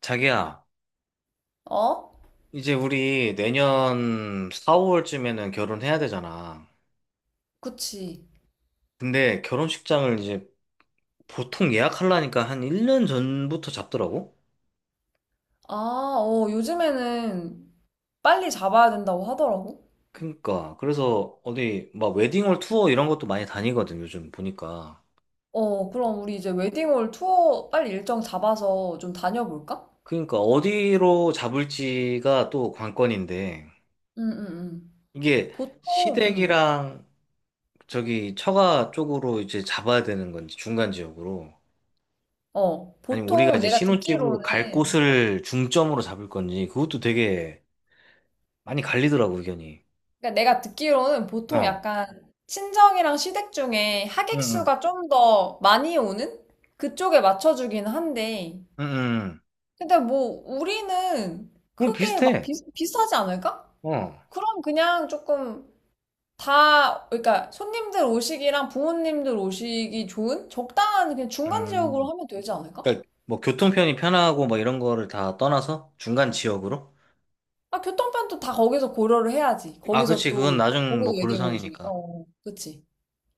자기야, 어? 이제 우리 내년 4월쯤에는 결혼해야 되잖아. 그치. 근데 결혼식장을 이제 보통 예약하려니까 한 1년 전부터 잡더라고? 아, 어, 요즘에는 빨리 잡아야 된다고 하더라고. 그니까. 그래서 어디 막 웨딩홀 투어 이런 것도 많이 다니거든, 요즘 보니까. 어, 그럼 우리 이제 웨딩홀 투어 빨리 일정 잡아서 좀 다녀볼까? 그니까 어디로 잡을지가 또 관건인데, 응, 응, 응. 이게 보통, 응. 시댁이랑 저기 처가 쪽으로 이제 잡아야 되는 건지, 중간 지역으로. 어, 아니면 우리가 보통 이제 내가 신혼집으로 갈 듣기로는, 곳을 중점으로 잡을 건지 그것도 되게 많이 갈리더라고 의견이. 그러니까 내가 듣기로는 보통 어. 약간 친정이랑 시댁 중에 응, 하객 응, 수가 좀 더 많이 오는? 그쪽에 맞춰주긴 한데. 응, 응. 근데 뭐, 우리는 그럼 크게 막 비슷해. 비싸지 않을까? 어. 그럼 그냥 조금 그러니까 손님들 오시기랑 부모님들 오시기 좋은 적당한 그냥 중간 지역으로 음. 하면 되지 않을까? 그러니까 뭐 교통편이 편하고 뭐 이런 거를 다 떠나서 중간 지역으로? 아, 교통편도 다 거기서 고려를 해야지. 아, 거기서 그치. 그건 또 나중 고려 뭐 웨딩홀 중에. 어, 고려사항이니까. 어, 그치.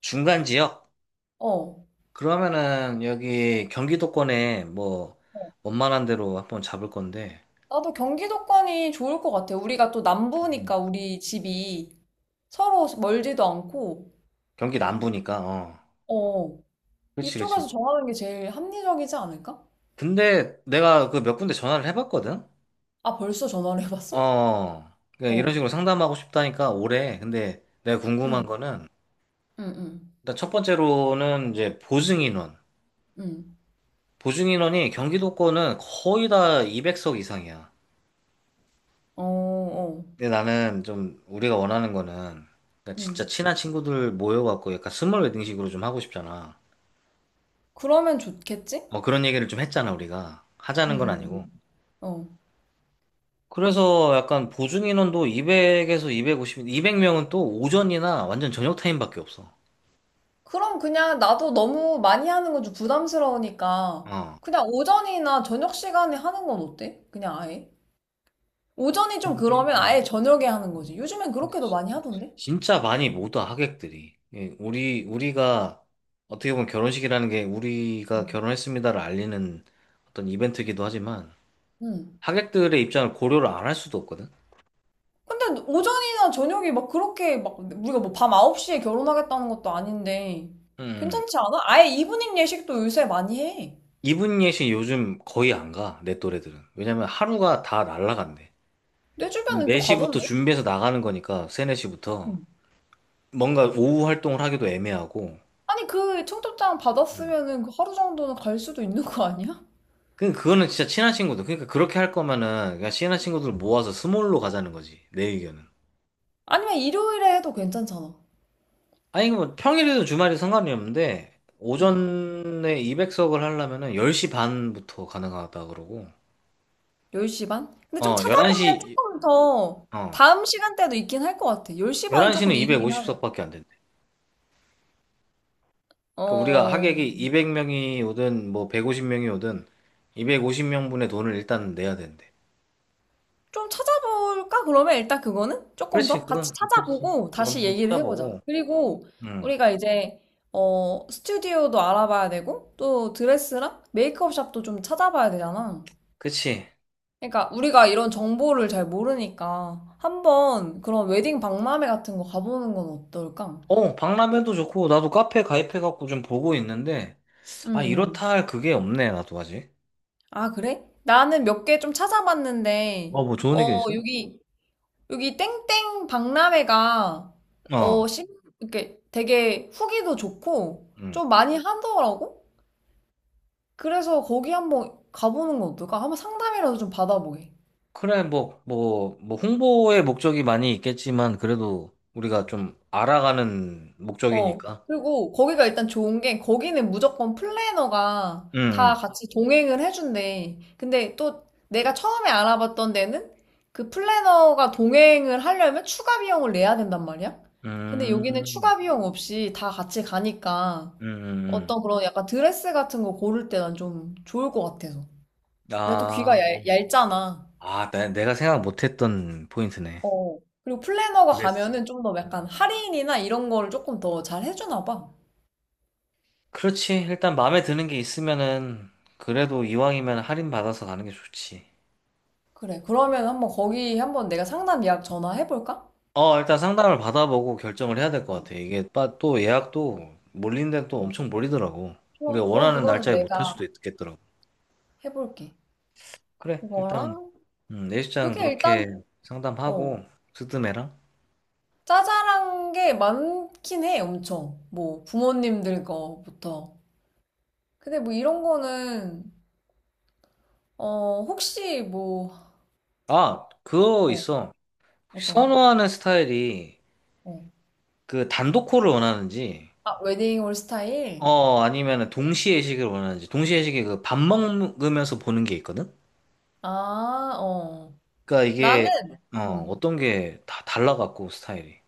중간 지역? 어. 그러면은 여기 경기도권에 뭐 어. 원만한 데로 한번 잡을 건데. 나도 경기도권이 좋을 것 같아. 우리가 또 음. 남부니까 우리 집이 서로 멀지도 않고, 경기 남부니까. 어. 어. 어. 그치, 이쪽에서 그치. 정하는 게 제일 합리적이지 않을까? 근데 내가 그 몇 군데 전화를 해봤거든? 아, 벌써 전화를 해봤어? 어, 그러니까 이런 어. 식으로 상담하고 싶다니까 오래. 근데 내가 궁금한 응, 거는, 응, 응, 일단 첫 번째로는 이제 보증인원. 응. 보증인원이 경기도권은 거의 다 200석 이상이야. 어, 어. 근데 나는 좀 우리가 원하는 거는, 그러니까 진짜 응. 친한 친구들 모여갖고 약간 스몰 웨딩식으로 좀 하고 싶잖아. 그러면 좋겠지? 어, 그런 얘기를 좀 했잖아, 우리가. 하자는 건 음, 아니고. 음. 어. 그래서 약간 보증인원도 200에서 250, 200명은 또 오전이나 완전 저녁 타임밖에 없어. 그럼 그냥 나도 너무 많이 하는 건 좀 부담스러우니까 어. 그냥 오전이나 저녁 시간에 하는 건 어때? 그냥 아예? 오전이 좀 근데, 그러면 음. 아예 저녁에 하는 거지. 요즘엔 근데 그렇게도 많이 하던데? 진짜 많이 못와 하객들이. 예, 우리가 어떻게 보면 결혼식이라는 게 어. 우리가 결혼했습니다를 알리는 어떤 이벤트이기도 하지만 응. 하객들의 입장을 고려를 안 할 수도 없거든. 근데 오전이나 저녁이 막 그렇게 막 우리가 뭐 밤 9시에 결혼하겠다는 것도 아닌데 음. 괜찮지 않아? 아예 이브닝 예식도 요새 많이 해. 이분 예식 요즘 거의 안 가, 내 또래들은. 왜냐면 하루가 다 날라간대. 내 주변엔 또 4시부터 가던데? 준비해서 나가는 거니까, 3, 4시부터. 음. 뭔가 오후 활동을 하기도 애매하고. 아니 그 청첩장 받았으면은 그 하루 정도는 갈 수도 있는 거 아니야? 그거는 진짜 친한 친구들. 그러니까 그렇게 할 거면은, 그냥 친한 친구들 모아서 스몰로 가자는 거지, 내 의견은. 아니면 일요일에 해도 괜찮잖아. 아니, 뭐, 평일에도 주말이 상관이 없는데, 응. 오전에 200석을 하려면은 10시 반부터 가능하다 그러고, 10시 반? 근데 좀 어, 찾아보면 11시, 조금 더 어, 다음 시간대도 있긴 할 것 같아. 10시 반은 11시는 조금 이르긴 하네. 250석밖에 안 된대. 그러니까 우리가 어, 하객이 200명이 오든, 뭐, 150명이 오든, 250명분의 돈을 일단 내야 된대. 좀 찾아볼까? 그러면 일단 그거는 조금 그렇지, 더 같이 그건, 그렇지. 찾아보고 그건 다시 좀 얘기를 해보자. 찾아보고, 그리고 음, 우리가 이제, 스튜디오도 알아봐야 되고, 또 드레스랑 메이크업 샵도 좀 찾아봐야 되잖아. 그치. 그러니까 우리가 이런 정보를 잘 모르니까 한번 그런 웨딩 박람회 같은 거 가보는 건 어떨까? 어, 박람회도 좋고, 나도 카페 가입해갖고 좀 보고 있는데, 아, 음. 이렇다 할 그게 없네, 나도 아직. 아, 그래? 나는 몇 개 좀 찾아봤는데, 어, 뭐 좋은 의견 어, 있어? 여기 땡땡 박람회가, 어. 어, 심, 이렇게 되게 후기도 좋고, 음. 좀 많이 하더라고? 그래서 거기 한번 가보는 건 어떨까? 한번 상담이라도 좀 받아보게. 그래, 뭐, 뭐, 뭐, 홍보의 목적이 많이 있겠지만, 그래도 우리가 좀 알아가는 어. 목적이니까. 그리고 거기가 일단 좋은 게 거기는 무조건 플래너가 다 음, 같이 동행을 해준대. 근데 또 내가 처음에 알아봤던 데는 그 플래너가 동행을 하려면 추가 비용을 내야 된단 말이야. 음, 근데 여기는 음, 음. 추가 비용 없이 다 같이 가니까 음. 음. 어떤 그런 약간 드레스 같은 거 고를 때 난 좀 좋을 것 같아서. 근데 또 귀가 아, 얇잖아. 아, 내가 생각 못했던 포인트네. 어. 그리고 플래너가 그랬어. 가면은 좀 더 약간 할인이나 이런 거를 조금 더 잘 해주나 봐. 그렇지. 일단 마음에 드는 게 있으면은, 그래도 이왕이면 할인 받아서 가는 게 좋지. 그래. 그러면 한번 거기 한번 내가 상담 예약 전화해볼까? 어, 일단 상담을 받아보고 결정을 해야 될 것 어, 같아. 이게 또 예약도 몰린 데또 어. 엄청 몰리더라고. 우리가 좋아. 그럼 원하는 그거는 날짜에 못할 내가 수도 있겠더라고. 해볼게. 그래, 일단, 그거랑, 내시장 그게 그렇게 일단, 어, 상담하고, 스드메랑. 짜잘한 게 많긴 해, 엄청. 뭐, 부모님들 거부터. 근데 뭐 이런 거는, 혹시 뭐, 아, 그거 어, 있어. 어떤 거? 선호하는 스타일이 어. 그 단독콜을 원하는지, 아, 웨딩홀 스타일? 어, 아니면 동시 회식을 원하는지, 동시 회식이 그 밥 먹으면서 보는 게 있거든? 아, 어. 그러니까 나는, 이게, 어, 음. 어떤 게 다 달라갖고, 스타일이.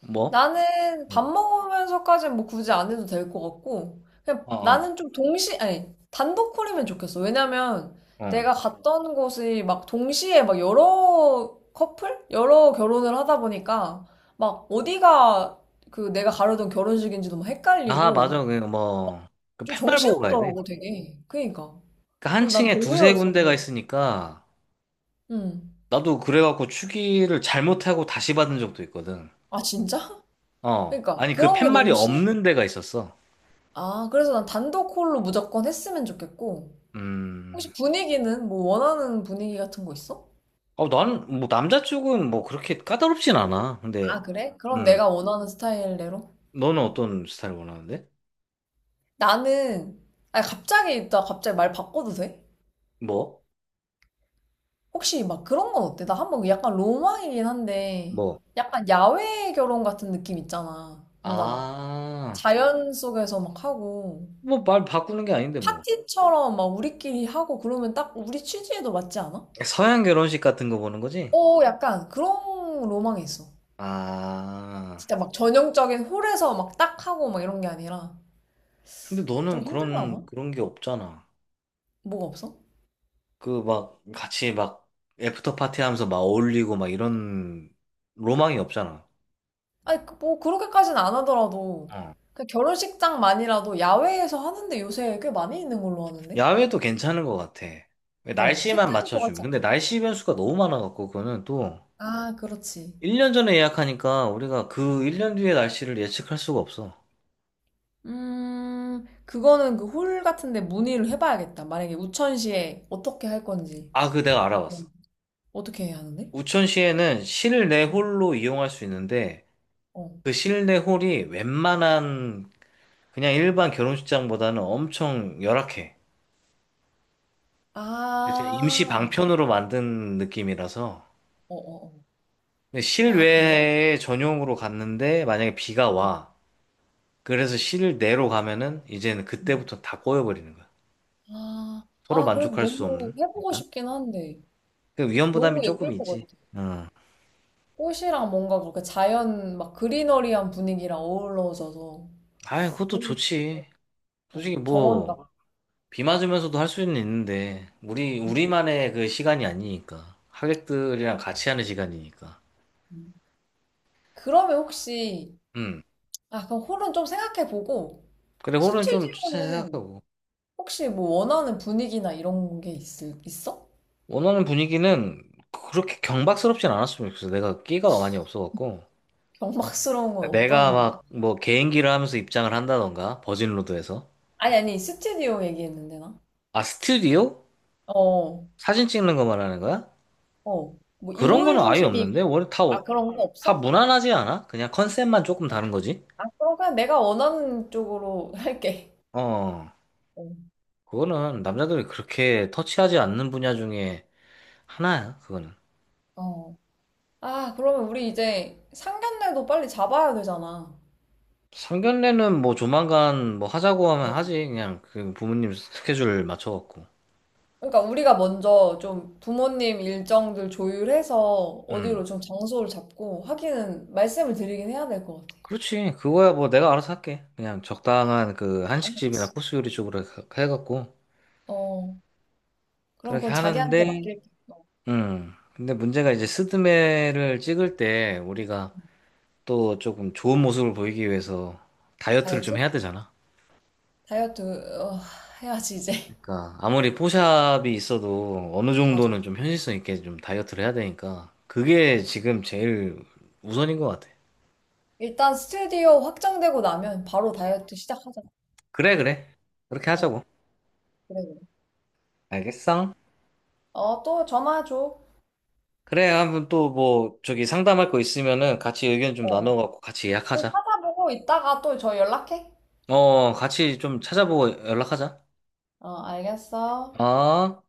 뭐? 나는 밥 어, 먹으면서까지는 뭐 굳이 안 해도 될 것 같고, 그냥 어, 어. 나는 좀 동시, 아니, 단독 콜이면 좋겠어. 왜냐면 어. 내가 갔던 곳이 막 동시에 막 여러 커플? 여러 결혼을 하다 보니까 막 어디가 그 내가 가려던 결혼식인지도 막 아, 헷갈리고, 맞아. 그 막 뭐, 그 좀 팻말 보고 가야 돼. 정신없더라고, 되게. 그니까. 그러니까 한 그리고 난 층에 두세 군데가 별로였어서. 있으니까, 응. 나도 그래갖고 추기를 잘못하고 다시 받은 적도 있거든. 아, 진짜? 어. 그니까. 러 아니, 그 그런 게 팻말이 너무 싫. 없는 데가 있었어. 아, 그래서 난 단독 콜로 무조건 했으면 좋겠고, 음. 혹시 분위기는 뭐 원하는 분위기 같은 거 있어? 어, 나는, 뭐, 남자 쪽은 뭐, 그렇게 까다롭진 않아. 근데, 아, 그래? 그럼 음. 내가 원하는 스타일대로? 너는 어떤 스타일 원하는데? 나는, 아 갑자기, 나 갑자기 말 바꿔도 돼? 뭐? 혹시 막 그런 건 어때? 나 한번 약간 로망이긴 한데, 뭐? 약간 야외 결혼 같은 느낌 있잖아. 뭔가 막 아. 자연 속에서 막 하고, 뭐, 말 바꾸는 게 아닌데, 뭐. 파티처럼 막 우리끼리 하고 그러면 딱 우리 취지에도 맞지 않아? 서양 결혼식 같은 거 보는 거지? 오, 약간 그런 로망이 있어. 아. 진짜 막 전형적인 홀에서 막 딱 하고 막 이런 게 아니라, 근데 너는 좀 그런, 힘들나? 그런 게 없잖아. 뭐가 없어? 그 막 같이 막 애프터 파티 하면서 막 어울리고 막 이런 로망이 없잖아. 아니, 뭐, 그렇게까지는 안 하더라도, 어. 그 결혼식장만이라도 야외에서 하는데 요새 꽤 많이 있는 걸로 하는데 야외도 괜찮은 것 같아. 어, 날씨만 색다를 것 맞춰주면. 같지 근데 않아? 날씨 변수가 너무 많아갖고 그거는 또 아, 그렇지. 1년 전에 예약하니까 우리가 그 1년 뒤의 날씨를 예측할 수가 없어. 그거는 그 홀 같은데 문의를 해봐야겠다. 만약에 우천시에 어떻게 할 건지. 아, 그 내가 어. 알아봤어. 어떻게 해야 하는데? 우천시에는 실내 음. 홀로 이용할 수 있는데 어. 그 실내 홀이 웬만한 그냥 일반 결혼식장보다는 엄청 열악해. 진짜 임시 아, 방편으로 만든 느낌이라서. 어, 어, 어. 근데 아, 그래요? 실외에 전용으로 갔는데 만약에 비가 음, 와. 그래서 실내로 가면은 이제는 음. 그때부터 다 꼬여버리는 거야. 아, 서로 아, 그래도 만족할 수 너무 없는. 해보고 약간. 싶긴 한데. 그 위험 너무 부담이 예쁠 조금 것 있지. 같아. 응. 꽃이랑 뭔가 그렇게 자연 막 그리너리한 분위기랑 어우러져서 아, 그것도 너무 좋-. 좋지. 어, 솔직히 정원 뭐 같고. 비 맞으면서도 할 수는 있는데 우리 음, 우리만의 그 시간이 아니니까. 하객들이랑 같이 하는 시간이니까. 음. 그러면 혹시 음. 아 그럼 홀은 좀 생각해보고 그래 홀은 좀 스튜디오는 생각하고 혹시 뭐 원하는 분위기나 이런 게 있을 있어? 원하는 분위기는 그렇게 경박스럽진 않았으면 좋겠어. 내가 끼가 많이 없어갖고. 경박스러운 건 내가 어떤? 막 뭐 개인기를 하면서 입장을 한다던가 버진로드에서 아니 아니 스튜디오 얘기했는데 나. 아 스튜디오? 어, 사진 찍는 거 말하는 거야? 어. 뭐 그런 인물 거는 아예 중심이 없는데 있고? 원래 다, 아 어, 그런 거 다 없어? 무난하지 않아? 그냥 컨셉만 조금 다른 거지? 아 그럼 그냥 내가 원하는 쪽으로 할게. 어 어. 그거는 남자들이 그렇게 터치하지 않는 분야 중에 하나야 그거는 어. 아, 그러면 우리 이제 상견례도 빨리 잡아야 되잖아. 상견례는 뭐 조만간 뭐 하자고 하면 음. 하지 그냥 그 부모님 스케줄 맞춰갖고 그러니까 우리가 먼저 좀 부모님 일정들 조율해서 어디로 음 좀 장소를 잡고 하기는 말씀을 드리긴 해야 될 것 같아. 그렇지 그거야 뭐 내가 알아서 할게 그냥 적당한 그 한식집이나 알겠어. 코스 요리 쪽으로 해갖고 어, 그럼 그렇게 그건 자기한테 하는데, 맡길게. 어, 근데 문제가 이제 스드메를 찍을 때 우리가 또 조금 좋은 모습을 보이기 위해서 다이어트를 좀 다이어트? 해야 되잖아. 다이어트, 어, 해야지, 이제. 그러니까 아무리 포샵이 있어도 어느 맞아. 정도는 좀 현실성 있게 좀 다이어트를 해야 되니까 그게 지금 제일 우선인 것 같아. 일단 스튜디오 확정되고 나면 바로 다이어트 시작하자. 그래, 그래. 그렇게 어, 하자고. 그래, 그래. 알겠어? 어, 또 전화 줘. 그래, 한번 또 뭐 저기 상담할 거 있으면은 같이 의견 좀 어, 나눠갖고 같이 또 예약하자. 찾아보고 이따가 또 저 연락해. 어, 같이 좀 찾아보고 연락하자. 어, 알겠어. 어?